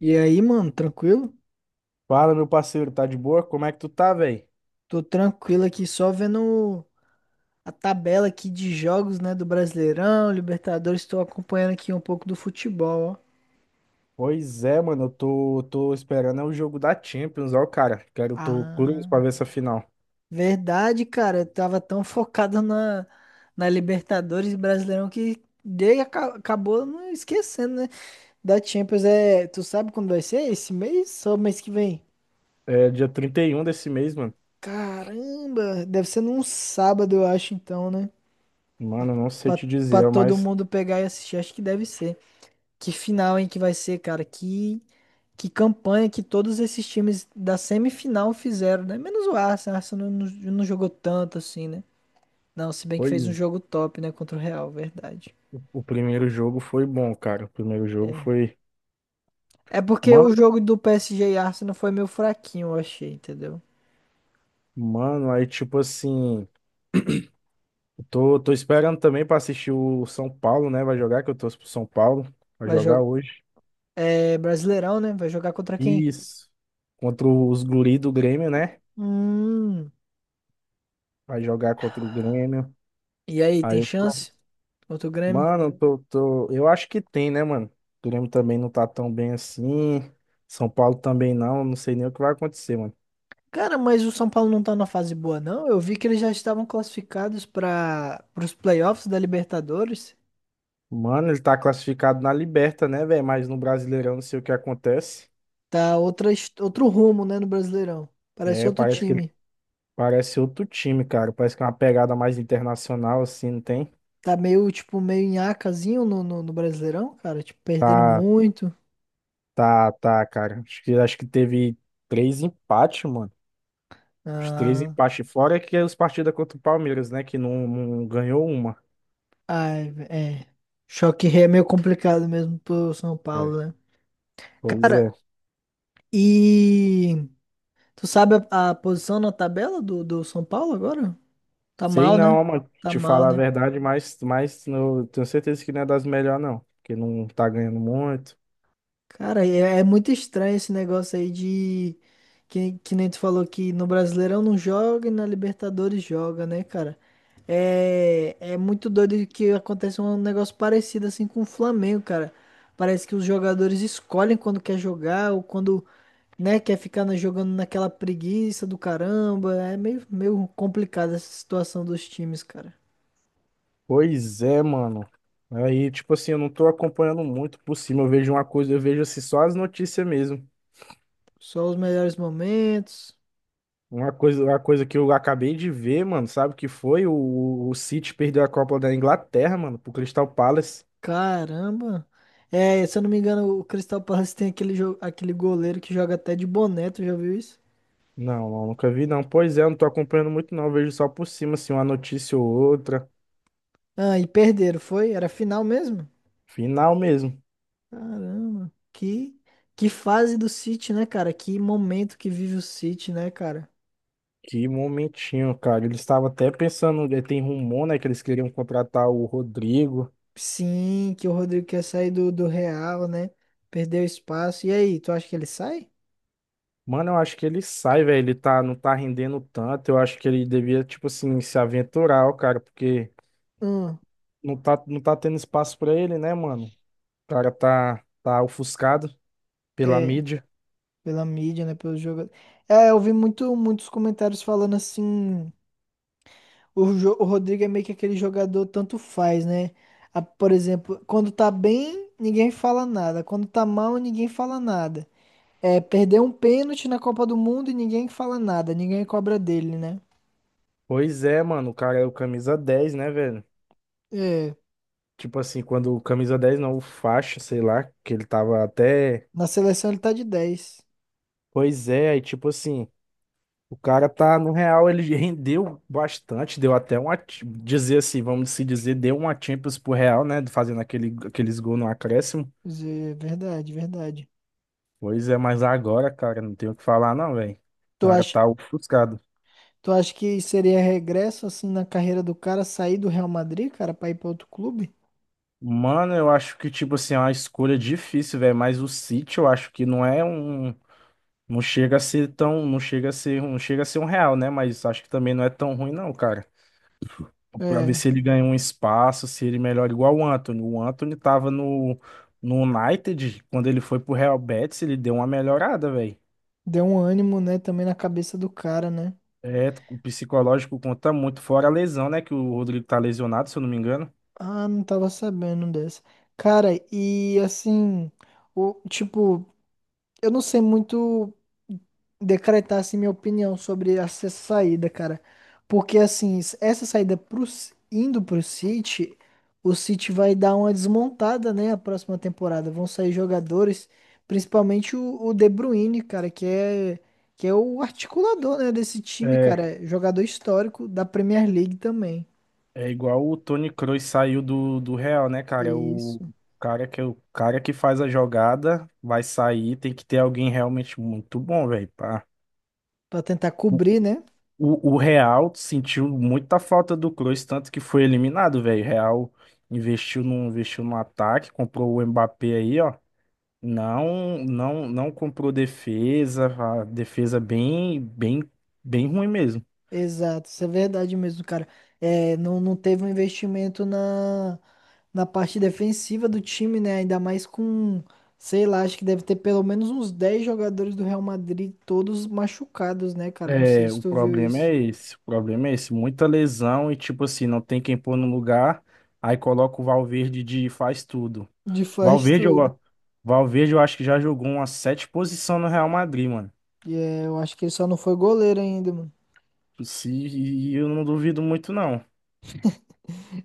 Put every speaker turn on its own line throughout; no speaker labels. E aí, mano, tranquilo?
Fala, meu parceiro, tá de boa? Como é que tu tá, velho?
Tô tranquilo aqui, só vendo a tabela aqui de jogos, né, do Brasileirão, Libertadores, tô acompanhando aqui um pouco do futebol, ó.
Pois é, mano, eu tô esperando é o jogo da Champions, ó, cara. Quero, tô curioso
Ah,
pra ver essa final.
verdade, cara, eu tava tão focado na Libertadores e Brasileirão que acabou não esquecendo, né? Da Champions é, tu sabe quando vai ser? Esse mês ou mês que vem?
É dia 31 desse mês, mano.
Caramba, deve ser num sábado, eu acho, então, né?
Mano, não sei
Pra,
te
pra
dizer,
todo
mas
mundo pegar e assistir, acho que deve ser. Que final, hein, que vai ser, cara? Que campanha que todos esses times da semifinal fizeram, né? Menos o Arsenal. O Arsenal não jogou tanto assim, né? Não, se bem que
foi.
fez um jogo top, né? Contra o Real, verdade.
O primeiro jogo foi bom, cara. O primeiro jogo
É.
foi.
É porque o
Mano,
jogo do PSG e Arsenal foi meio fraquinho, eu achei, entendeu?
mano, aí tipo assim. Eu tô esperando também pra assistir o São Paulo, né? Vai jogar, que eu torço pro São Paulo. Vai
Vai
jogar
jogar.
hoje.
É Brasileirão, né? Vai jogar contra quem?
Isso. Contra os guri do Grêmio, né?
Hum.
Vai jogar contra o Grêmio.
E aí,
Aí
tem
eu tô.
chance? Contra o Grêmio?
Mano, eu acho que tem, né, mano? O Grêmio também não tá tão bem assim. São Paulo também não. Não sei nem o que vai acontecer, mano.
Cara, mas o São Paulo não tá na fase boa, não. Eu vi que eles já estavam classificados para os playoffs da Libertadores.
Mano, ele tá classificado na Liberta, né, velho? Mas no Brasileirão não sei o que acontece.
Tá outra, outro rumo, né, no Brasileirão. Parece
É,
outro
parece que ele
time.
parece outro time, cara. Parece que é uma pegada mais internacional, assim, não tem?
Tá meio, tipo, meio nhacazinho no Brasileirão, cara. Tipo, perdendo
Tá,
muito.
tá, cara. Acho que teve três empates, mano. Os três
Ah,
empates fora é que é os partidas contra o Palmeiras, né? Que não ganhou uma.
ai, é. Choque rei é meio complicado mesmo pro São
É.
Paulo, né?
Pois é.
Cara, e tu sabe a posição na tabela do São Paulo agora? Tá
Sei
mal, né?
não, mano.
Tá
Te
mal,
falar a
né?
verdade, mas eu tenho certeza que não é das melhores, não. Porque não tá ganhando muito.
Cara, é é muito estranho esse negócio aí de. Que nem tu falou que no Brasileirão não joga e na Libertadores joga, né, cara? É, é muito doido que aconteça um negócio parecido assim com o Flamengo, cara. Parece que os jogadores escolhem quando quer jogar ou quando, né, quer ficar jogando naquela preguiça do caramba. É meio, meio complicada essa situação dos times, cara.
Pois é, mano. Aí, tipo assim, eu não tô acompanhando muito por cima. Eu vejo uma coisa, eu vejo assim, só as notícias mesmo.
Só os melhores momentos.
Uma coisa que eu acabei de ver, mano, sabe o que foi? O City perdeu a Copa da Inglaterra, mano, pro Crystal Palace.
Caramba! É, se eu não me engano, o Crystal Palace tem aquele, aquele goleiro que joga até de boné, tu já viu isso?
Não, não, nunca vi, não. Pois é, eu não tô acompanhando muito, não. Eu vejo só por cima, assim, uma notícia ou outra.
Ah, e perderam, foi? Era final mesmo?
Final mesmo.
Caramba! Que fase do City, né, cara? Que momento que vive o City, né, cara?
Que momentinho, cara. Eles estavam até pensando, tem rumor, né, que eles queriam contratar o Rodrigo.
Sim, que o Rodrigo quer sair do Real, né? Perdeu espaço. E aí, tu acha que ele sai?
Mano, eu acho que ele sai, velho. Ele tá, não tá rendendo tanto. Eu acho que ele devia, tipo assim, se aventurar, ó, cara, porque
Hum,
não tá, não tá tendo espaço pra ele, né, mano? O cara tá ofuscado pela
é,
mídia.
pela mídia, né? Pelo jogo. É, eu vi muito, muitos comentários falando assim. O, o Rodrigo é meio que aquele jogador tanto faz, né? Por exemplo, quando tá bem, ninguém fala nada. Quando tá mal, ninguém fala nada. É, perdeu um pênalti na Copa do Mundo e ninguém fala nada, ninguém cobra dele, né?
Pois é, mano, o cara é o camisa 10, né, velho?
É,
Tipo assim, quando o camisa 10 não, o faixa, sei lá, que ele tava até.
na seleção ele tá de dez.
Pois é, aí tipo assim. O cara tá, no real, ele rendeu bastante, deu até uma, dizer assim, vamos se dizer, deu uma Champions pro Real, né, fazendo aquele, aqueles gols no acréscimo.
Quer. Verdade, verdade.
Pois é, mas agora, cara, não tenho o que falar não, velho. O
Tu
cara
acha,
tá ofuscado.
tu acha que seria regresso assim na carreira do cara sair do Real Madrid, cara, pra ir pra outro clube?
Mano, eu acho que, tipo assim, é uma escolha difícil, velho, mas o City eu acho que não é um, não chega a ser tão, não chega a ser um Real, né, mas acho que também não é tão ruim não, cara. Pra ver
É,
se ele ganha um espaço, se ele melhora igual o Anthony. O Anthony tava no, no United, quando ele foi pro Real Betis, ele deu uma melhorada, velho.
deu um ânimo, né, também na cabeça do cara, né?
É, o psicológico conta muito, fora a lesão, né? Que o Rodrigo tá lesionado, se eu não me engano.
Ah, não tava sabendo dessa. Cara, e assim, o, tipo, eu não sei muito decretar assim minha opinião sobre essa saída, cara. Porque assim, essa saída pro, indo pro City, o City vai dar uma desmontada, né, a próxima temporada. Vão sair jogadores, principalmente o De Bruyne, cara, que é o articulador, né, desse time, cara.
É,
É jogador histórico da Premier League também.
é igual o Toni Kroos saiu do Real, né, cara? O
Isso.
cara que é o cara que faz a jogada vai sair, tem que ter alguém realmente muito bom, velho, pá.
Pra tentar cobrir, né?
O Real sentiu muita falta do Kroos, tanto que foi eliminado, velho. O Real investiu no ataque, comprou o Mbappé aí, ó. Não comprou defesa, a defesa bem ruim mesmo.
Exato, isso é verdade mesmo, cara. É, não teve um investimento na, na parte defensiva do time, né? Ainda mais com, sei lá, acho que deve ter pelo menos uns 10 jogadores do Real Madrid, todos machucados, né, cara? Não sei
É,
se
o
tu viu
problema
isso.
é esse, o problema é esse, muita lesão e tipo assim, não tem quem pôr no lugar, aí coloca o Valverde de faz tudo.
De faz
Valverde, eu,
tudo.
Valverde eu acho que já jogou umas sete posições no Real Madrid, mano.
E é, eu acho que ele só não foi goleiro ainda, mano.
Se, e eu não duvido muito, não.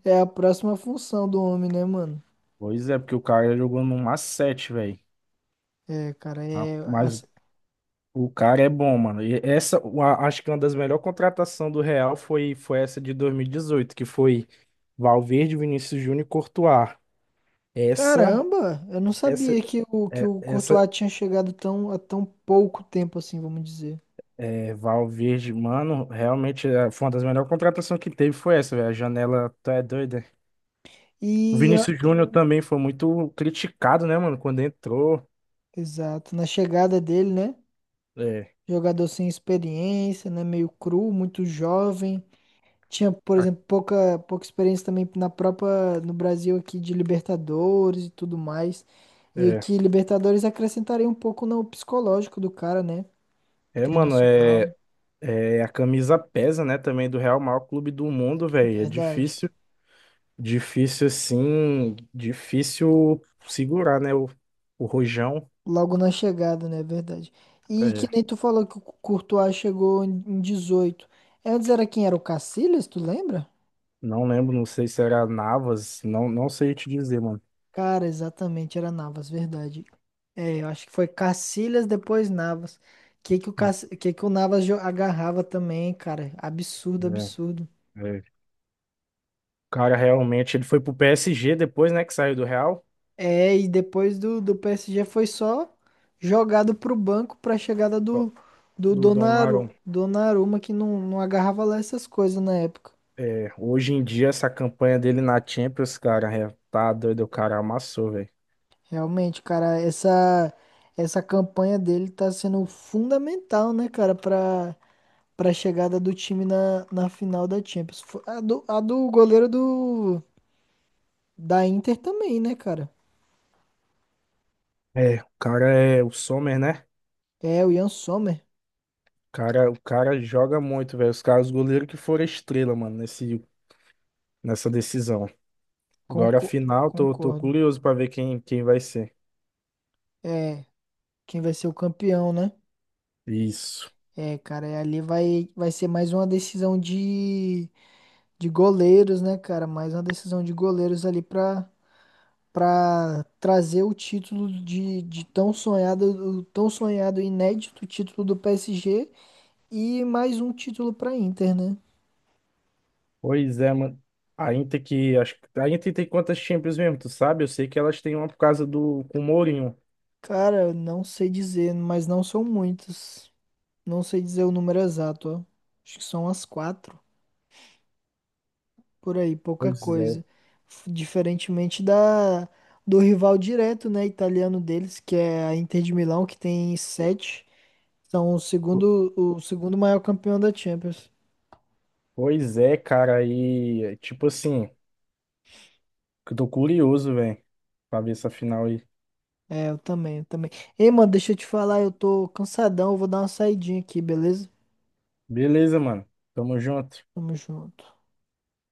É a próxima função do homem, né, mano?
Pois é, porque o cara jogou no Macete, velho.
É, cara,
Ah,
é.
mas
essa-
o cara é bom, mano. E essa, acho que uma das melhores contratações do Real foi, foi essa de 2018 que foi Valverde, Vinícius Júnior e Courtois. Essa,
Caramba, eu não
essa,
sabia que o, que
é-
o Courtois
essa
tinha chegado tão, há tão pouco tempo assim, vamos dizer.
é, Valverde, mano, realmente é, foi uma das melhores contratações que teve, foi essa, velho. A janela, tu é doida. O
E
Vinícius Júnior também foi muito criticado, né, mano, quando entrou.
exato. Na chegada dele, né?
É.
Jogador sem experiência, né? Meio cru, muito jovem. Tinha, por
a-
exemplo, pouca experiência também na própria, no Brasil aqui de Libertadores e tudo mais. E
É.
que Libertadores acrescentaria um pouco no psicológico do cara, né?
É, mano,
Internacional.
é, é a camisa pesa, né, também do Real maior clube do mundo, velho. É
Verdade.
difícil, difícil assim, difícil segurar, né, o rojão.
Logo na chegada, né? Verdade. E
É,
que nem tu falou que o Courtois chegou em 18. Antes era quem era o Casillas, tu lembra?
não lembro, não sei se era Navas, não, não sei te dizer, mano.
Cara, exatamente, era Navas, verdade. É, eu acho que foi Cacilhas, depois Navas. Que o,
Ah,
Que que o Navas agarrava também, cara? Absurdo,
é,
absurdo.
é. O cara realmente, ele foi pro PSG depois, né, que saiu do Real,
É, e depois do PSG foi só jogado pro banco pra chegada
do
do, do
do
Donaru...
Donnarumma.
Donnarumma, que não agarrava lá essas coisas na época.
É, hoje em dia, essa campanha dele na Champions, cara, é, tá doido, o cara amassou, velho.
Realmente, cara, essa campanha dele tá sendo fundamental, né, cara, pra para a chegada do time na final da Champions. A do goleiro do, da Inter também, né, cara?
É, o cara é o Sommer, né?
É, o Ian Sommer.
Cara, o cara joga muito, velho. Os caras, os goleiros que foram estrela, mano, nesse, nessa decisão. Agora, a
Conco-
final, tô
concordo.
curioso pra ver quem, quem vai ser.
É, quem vai ser o campeão, né?
Isso.
É, cara, e ali vai ser mais uma decisão de goleiros, né, cara? Mais uma decisão de goleiros ali pra, pra trazer o título de tão sonhado, o tão sonhado e inédito título do PSG e mais um título pra Inter, né?
Pois é, mano. A Inter que, acho, a Inter tem quantas Champions mesmo, tu sabe? Eu sei que elas têm uma por causa do, com o Mourinho.
Cara, eu não sei dizer, mas não são muitos. Não sei dizer o número exato, ó. Acho que são as quatro, por aí, pouca
Pois é.
coisa. Diferentemente da do rival direto, né, italiano deles, que é a Inter de Milão, que tem sete. São
Po-
o segundo maior campeão da Champions.
Pois é, cara. Aí tipo assim, eu tô curioso, velho, pra ver essa final aí.
É, eu também, eu também. Ei, mano, deixa eu te falar, eu tô cansadão, eu vou dar uma saidinha aqui, beleza?
Beleza, mano. Tamo junto.
Tamo junto.